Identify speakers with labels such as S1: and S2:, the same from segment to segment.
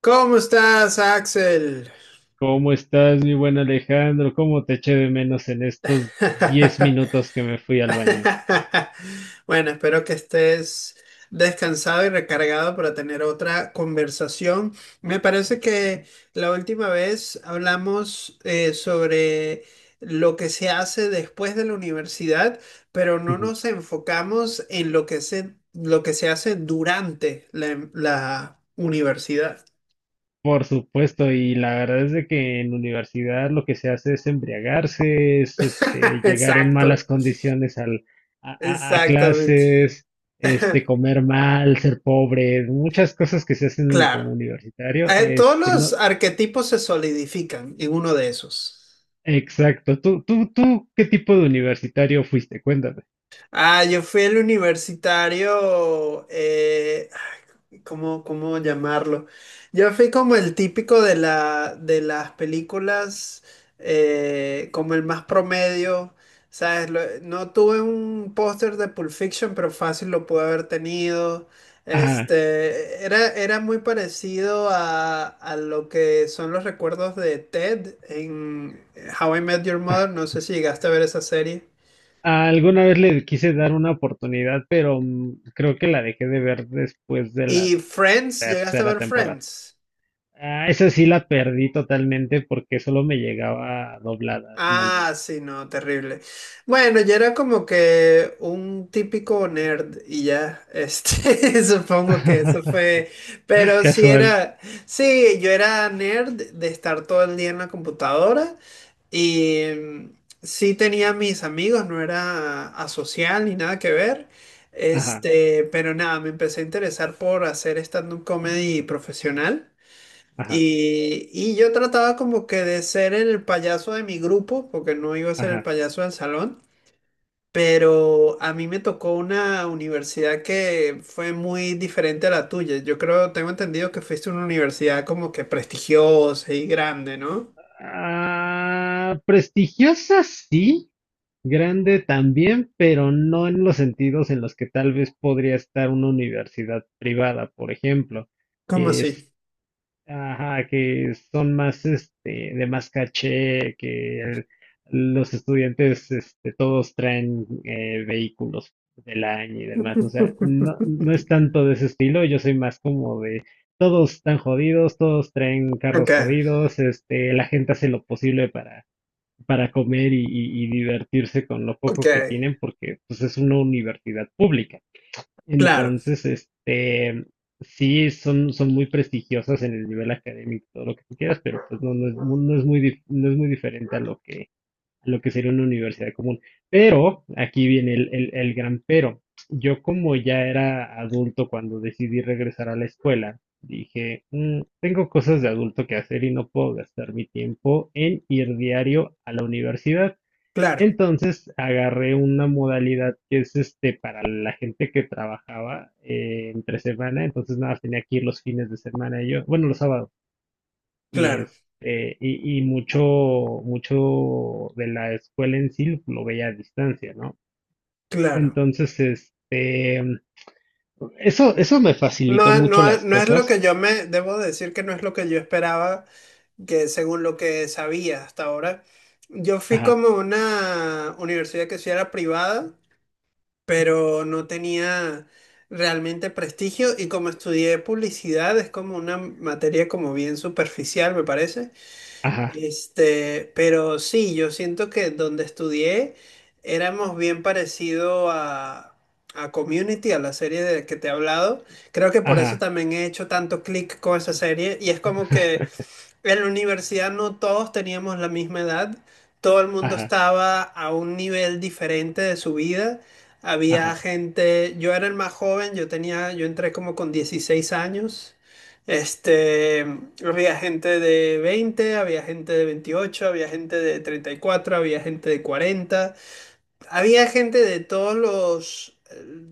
S1: ¿Cómo estás, Axel?
S2: ¿Cómo estás, mi buen Alejandro? ¿Cómo te eché de menos en estos 10 minutos que me fui al baño?
S1: Bueno, espero que estés descansado y recargado para tener otra conversación. Me parece que la última vez hablamos sobre lo que se hace después de la universidad, pero no nos enfocamos en lo que se hace durante la universidad.
S2: Por supuesto, y la verdad es de que en universidad lo que se hace es embriagarse, es llegar en
S1: Exacto,
S2: malas condiciones a
S1: exactamente.
S2: clases, comer mal, ser pobre, muchas cosas que se hacen
S1: Claro.
S2: como universitario.
S1: Todos
S2: Este,
S1: los
S2: no,
S1: arquetipos se solidifican en uno de esos.
S2: exacto. ¿Tú, qué tipo de universitario fuiste? Cuéntame.
S1: Ah, yo fui el universitario, ay, ¿cómo llamarlo? Yo fui como el típico de de las películas, como el más promedio, ¿sabes? Lo- no tuve un póster de Pulp Fiction, pero fácil lo pude haber tenido. Este, era muy parecido a lo que son los recuerdos de Ted en How I Met Your Mother. No sé si llegaste a ver esa serie.
S2: Ah, alguna vez le quise dar una oportunidad, pero creo que la dejé de ver después de la
S1: ¿Y Friends? ¿Llegaste a
S2: tercera
S1: ver
S2: temporada.
S1: Friends?
S2: Ah, esa sí la perdí totalmente porque solo me llegaba doblada, sin albur.
S1: Ah, sí, no, terrible. Bueno, yo era como que un típico nerd y ya, este, supongo que eso fue, pero sí
S2: Casual.
S1: era, sí, yo era nerd de estar todo el día en la computadora y mm, sí tenía mis amigos, no era asocial ni nada que ver,
S2: Ajá,
S1: este, pero nada, me empecé a interesar por hacer stand-up comedy profesional.
S2: ajá,
S1: Y yo trataba como que de ser el payaso de mi grupo, porque no iba a ser el
S2: ajá.
S1: payaso del salón, pero a mí me tocó una universidad que fue muy diferente a la tuya. Yo creo, tengo entendido que fuiste a una universidad como que prestigiosa y grande, ¿no?
S2: Ah, prestigiosa sí, grande también, pero no en los sentidos en los que tal vez podría estar una universidad privada, por ejemplo,
S1: ¿Cómo
S2: que
S1: así?
S2: ajá, que son más de más caché, los estudiantes todos traen vehículos del año y demás, o sea, no, no es tanto de ese estilo. Yo soy más como de todos están jodidos, todos traen
S1: Ok,
S2: carros jodidos, la gente hace lo posible para comer y, y divertirse con lo
S1: ok.
S2: poco que tienen porque pues es una universidad pública.
S1: Claro,
S2: Entonces, este, sí, son, son muy prestigiosas en el nivel académico, todo lo que tú quieras, pero pues no, no es, no es muy, no es muy diferente a lo que sería una universidad común. Pero, aquí viene el gran pero. Yo como ya era adulto cuando decidí regresar a la escuela, dije, "Mm, tengo cosas de adulto que hacer y no puedo gastar mi tiempo en ir diario a la universidad.
S1: claro,
S2: Entonces agarré una modalidad que es para la gente que trabajaba entre semana, entonces nada, más tenía que ir los fines de semana, yo bueno, los sábados, y
S1: claro,
S2: mucho, mucho de la escuela en sí lo veía a distancia, ¿no?
S1: claro.
S2: Entonces, este, eso me facilitó mucho las
S1: No es lo
S2: cosas.
S1: que yo me, debo decir que no es lo que yo esperaba, que según lo que sabía hasta ahora. Yo fui
S2: Ajá,
S1: como a una universidad que sí era privada, pero no tenía realmente prestigio y como estudié publicidad es como una materia como bien superficial, me parece.
S2: ajá,
S1: Este, pero sí, yo siento que donde estudié éramos bien parecido a Community, a la serie de que te he hablado. Creo que por eso
S2: ajá,
S1: también he hecho tanto clic con esa serie. Y es como que en la universidad no todos teníamos la misma edad, todo el mundo
S2: ajá,
S1: estaba a un nivel diferente de su vida. Había
S2: ajá,
S1: gente, yo era el más joven, yo tenía, yo entré como con 16 años. Este, había gente de 20, había gente de 28, había gente de 34, había gente de 40. Había gente de todos los,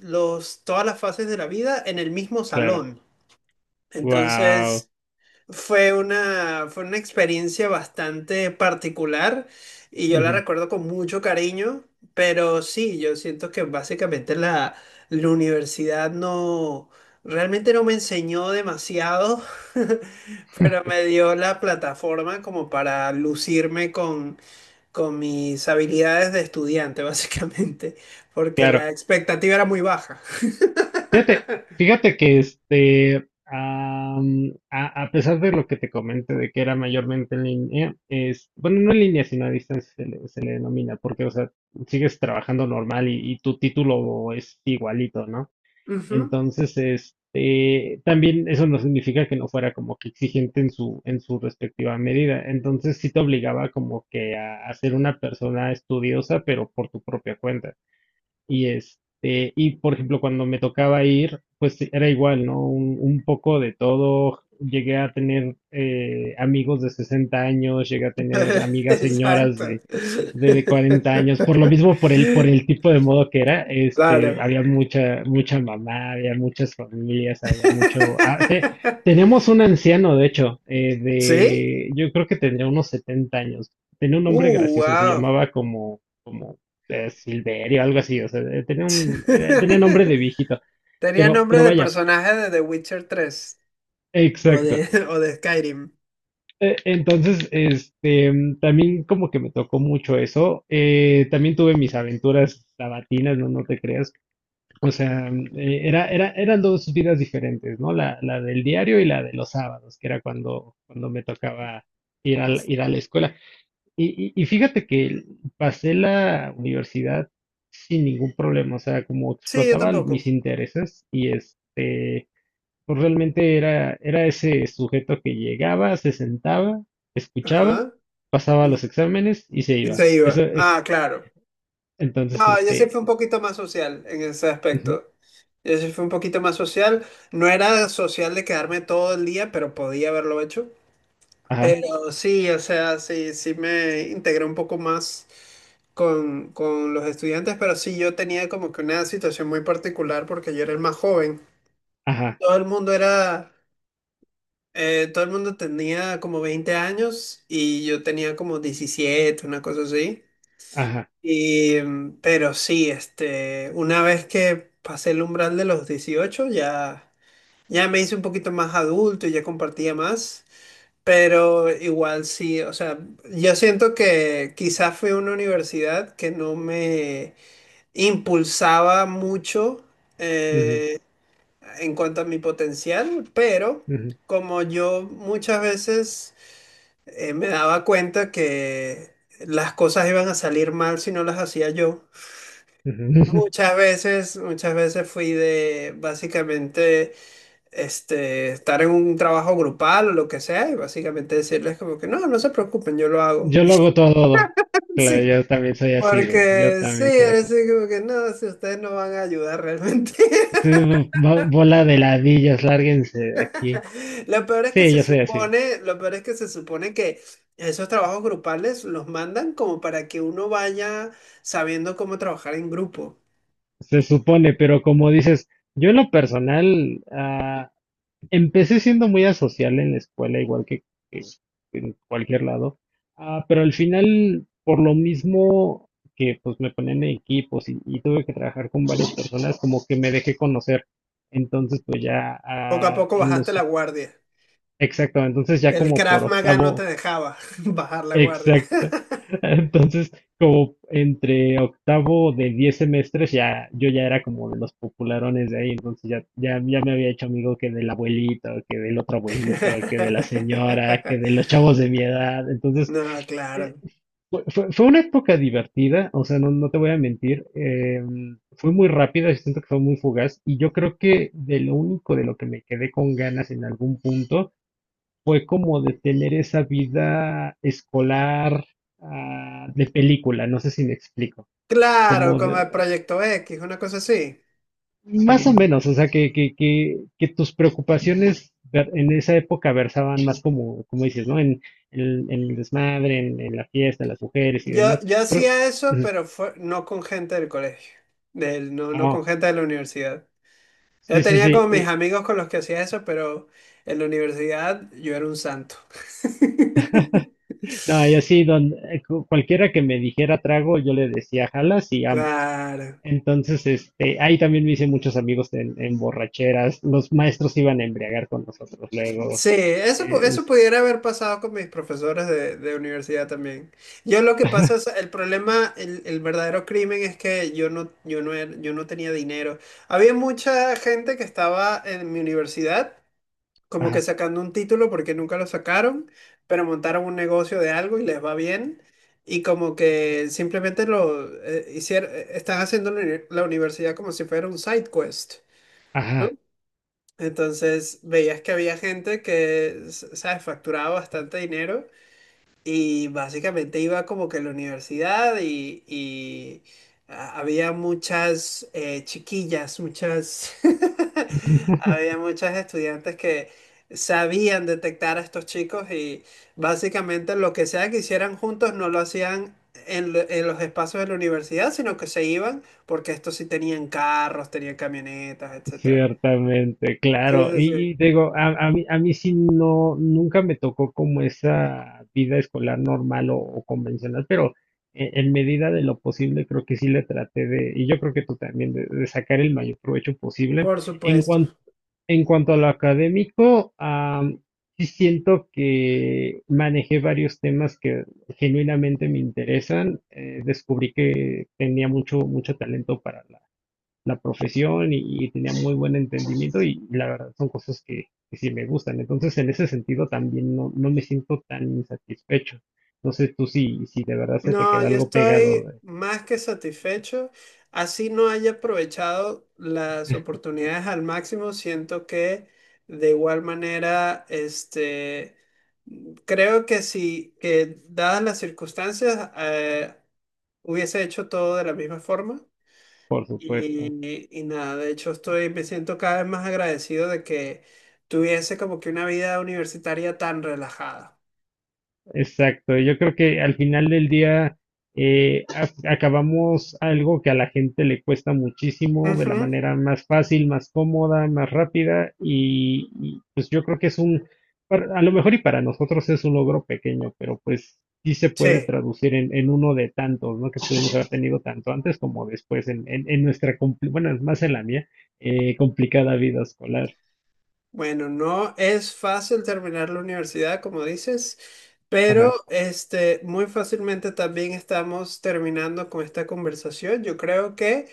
S1: los, todas las fases de la vida en el mismo
S2: claro.
S1: salón.
S2: Wow.
S1: Entonces, fue una experiencia bastante particular y yo la
S2: Ujú,
S1: recuerdo con mucho cariño, pero sí, yo siento que básicamente la universidad no, realmente no me enseñó demasiado, pero me dio la plataforma como para lucirme con mis habilidades de estudiante, básicamente, porque
S2: claro.
S1: la expectativa era muy baja.
S2: Fíjate, fíjate que a pesar de lo que te comenté de que era mayormente en línea, es, bueno, no en línea, sino a distancia se le denomina, porque, o sea, sigues trabajando normal y tu título es igualito, ¿no?
S1: Ujú.
S2: Entonces, este, también eso no significa que no fuera como que exigente en su respectiva medida. Entonces, sí te obligaba como que a ser una persona estudiosa, pero por tu propia cuenta. Y este, y por ejemplo, cuando me tocaba ir, pues era igual, ¿no? Un poco de todo. Llegué a tener amigos de 60 años, llegué a tener amigas señoras
S1: Exacto.
S2: de 40 años. Por lo mismo, por el, por el tipo de modo que era, este,
S1: Claro.
S2: había mucha, mucha mamá, había muchas familias, había mucho. Tenemos un anciano, de hecho,
S1: ¿Sí?
S2: yo creo que tendría unos 70 años. Tenía un nombre gracioso, se
S1: Wow.
S2: llamaba como Silverio, algo así, o sea, tenía un, tenía nombre de viejito,
S1: Tenía nombre
S2: pero
S1: de
S2: vaya,
S1: personaje de The Witcher 3 o
S2: exacto.
S1: de, o de Skyrim.
S2: Entonces, también como que me tocó mucho eso, también tuve mis aventuras sabatinas, no, no te creas, o sea, eran dos vidas diferentes, ¿no? La del diario y la de los sábados, que era cuando, cuando me tocaba ir a, ir a la escuela. Y, y fíjate que pasé la universidad sin ningún problema, o sea, como
S1: Sí, yo
S2: explotaba
S1: tampoco.
S2: mis intereses y este, pues realmente era, era ese sujeto que llegaba, se sentaba, escuchaba,
S1: Ajá.
S2: pasaba
S1: Y,
S2: los exámenes y se
S1: y
S2: iba.
S1: se
S2: Eso
S1: iba. Ah,
S2: es,
S1: claro.
S2: entonces,
S1: No, yo sí
S2: este,
S1: fui un poquito más social en ese
S2: ujú,
S1: aspecto. Yo sí fui un poquito más social. No era social de quedarme todo el día, pero podía haberlo hecho.
S2: ajá,
S1: Pero sí, o sea, sí, sí me integré un poco más con los estudiantes, pero sí yo tenía como que una situación muy particular porque yo era el más joven.
S2: ajá,
S1: Todo el mundo era, todo el mundo tenía como 20 años y yo tenía como 17 una cosa así.
S2: ajá,
S1: Y, mm, pero sí, este, una vez que pasé el umbral de los 18 ya, ya me hice un poquito más adulto y ya compartía más. Pero igual sí, o sea, yo siento que quizás fue una universidad que no me impulsaba mucho
S2: ujú,
S1: eh, en cuanto a mi potencial, pero
S2: ujú,
S1: como yo muchas veces me daba cuenta que las cosas iban a salir mal si no las hacía yo,
S2: ujú.
S1: muchas veces fui de básicamente este, estar en un trabajo grupal o lo que sea, y básicamente decirles como que no, no se preocupen, yo lo hago.
S2: Yo lo hago todo.
S1: Y
S2: Claro,
S1: sí,
S2: yo también soy así, güey, yo
S1: porque sí,
S2: también soy
S1: es
S2: así.
S1: así como que no, si ustedes no van a ayudar realmente.
S2: Ustedes, bola de ladillas, lárguense de aquí.
S1: Lo peor es que
S2: Sí,
S1: se
S2: yo sé, sí,
S1: supone, lo peor es que se supone que esos trabajos grupales los mandan como para que uno vaya sabiendo cómo trabajar en grupo.
S2: se supone, pero como dices, yo en lo personal empecé siendo muy asocial en la escuela, igual que en cualquier lado, pero al final, por lo mismo que pues me ponían en equipos y tuve que trabajar con varias personas, como que me dejé conocer. Entonces, pues ya
S1: Poco a poco bajaste la guardia.
S2: exacto, entonces ya
S1: El
S2: como por
S1: Krav Maga no te
S2: octavo,
S1: dejaba bajar la guardia.
S2: exacto. Entonces, como entre octavo de 10 semestres, ya yo ya era como de los popularones de ahí, entonces ya me había hecho amigo que del abuelito, que del otro abuelito, que de la señora, que de los chavos de mi edad. Entonces,
S1: No,
S2: eh,
S1: claro.
S2: fue una época divertida, o sea, no, no te voy a mentir, fue muy rápida, yo siento que fue muy fugaz, y yo creo que de lo único de lo que me quedé con ganas en algún punto fue como de tener esa vida escolar de película, no sé si me explico,
S1: Claro,
S2: como
S1: como
S2: de,
S1: el Proyecto X, una cosa así.
S2: más o sí, menos, o sea, que tus preocupaciones en esa época versaban más como, como dices, ¿no? En el desmadre, en la fiesta, las mujeres y
S1: Yo,
S2: demás,
S1: yo
S2: pero,
S1: hacía eso,
S2: ujú,
S1: pero fue, no con gente del colegio, del, no, no con
S2: ah,
S1: gente de la universidad. Yo
S2: sí, sí,
S1: tenía
S2: sí,
S1: como mis amigos con los que hacía eso, pero en la universidad yo era un santo.
S2: no, y así, don, cualquiera que me dijera trago, yo le decía, jalas y vamos.
S1: Claro.
S2: Entonces, este, ahí también me hice muchos amigos en borracheras. Los maestros se iban a embriagar con nosotros luego.
S1: Sí, eso, eso
S2: Es,
S1: pudiera haber pasado con mis profesores de universidad también. Yo lo que pasa es, el problema, el verdadero crimen es que yo no, yo no, yo no tenía dinero. Había mucha gente que estaba en mi universidad como que
S2: ajá,
S1: sacando un título porque nunca lo sacaron, pero montaron un negocio de algo y les va bien. Y como que simplemente lo hicieron, están haciendo la la universidad como si fuera un side quest.
S2: ajá.
S1: Entonces veías que había gente que, s- ¿sabes?, facturaba bastante dinero y básicamente iba como que a la universidad y había muchas chiquillas, muchas, había muchas estudiantes que sabían detectar a estos chicos y básicamente lo que sea que hicieran juntos no lo hacían. En, en los espacios de la universidad, sino que se iban porque estos sí tenían carros, tenían camionetas, etcétera.
S2: Ciertamente,
S1: Sí,
S2: claro.
S1: sí, sí.
S2: Y digo, a mí sí no, nunca me tocó como esa vida escolar normal o convencional, pero medida de lo posible creo que sí le traté de, y yo creo que tú también, de sacar el mayor provecho posible.
S1: Por
S2: En
S1: supuesto.
S2: cuanto En cuanto a lo académico, sí siento que manejé varios temas que genuinamente me interesan. Descubrí que tenía mucho, mucho talento para la, la profesión y tenía muy buen entendimiento y la verdad son cosas que sí me gustan. Entonces, en ese sentido también no, no me siento tan insatisfecho. No sé tú si, si de verdad se te
S1: No,
S2: queda
S1: yo
S2: algo
S1: estoy
S2: pegado,
S1: más que satisfecho. Así no haya aprovechado las oportunidades al máximo, siento que de igual manera, este, creo que si, que dadas las circunstancias, hubiese hecho todo de la misma forma.
S2: por supuesto.
S1: Y nada, de hecho estoy, me siento cada vez más agradecido de que tuviese como que una vida universitaria tan relajada.
S2: Exacto, yo creo que al final del día acabamos algo que a la gente le cuesta muchísimo de la
S1: Ujú,
S2: manera más fácil, más cómoda, más rápida y, pues yo creo que es un, a lo mejor y para nosotros es un logro pequeño, pero pues sí se puede
S1: sí.
S2: traducir en uno de tantos, ¿no? Que pudimos haber tenido tanto antes como después en nuestra, bueno, es más en la mía, complicada vida escolar.
S1: Bueno, no es fácil terminar la universidad, como dices, pero
S2: Ajá.
S1: este, muy fácilmente también estamos terminando con esta conversación. Yo creo que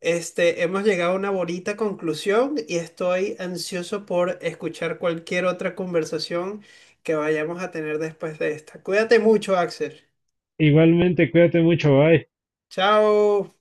S1: este, hemos llegado a una bonita conclusión y estoy ansioso por escuchar cualquier otra conversación que vayamos a tener después de esta. Cuídate mucho, Axel.
S2: Igualmente, cuídate mucho, bye.
S1: Chao.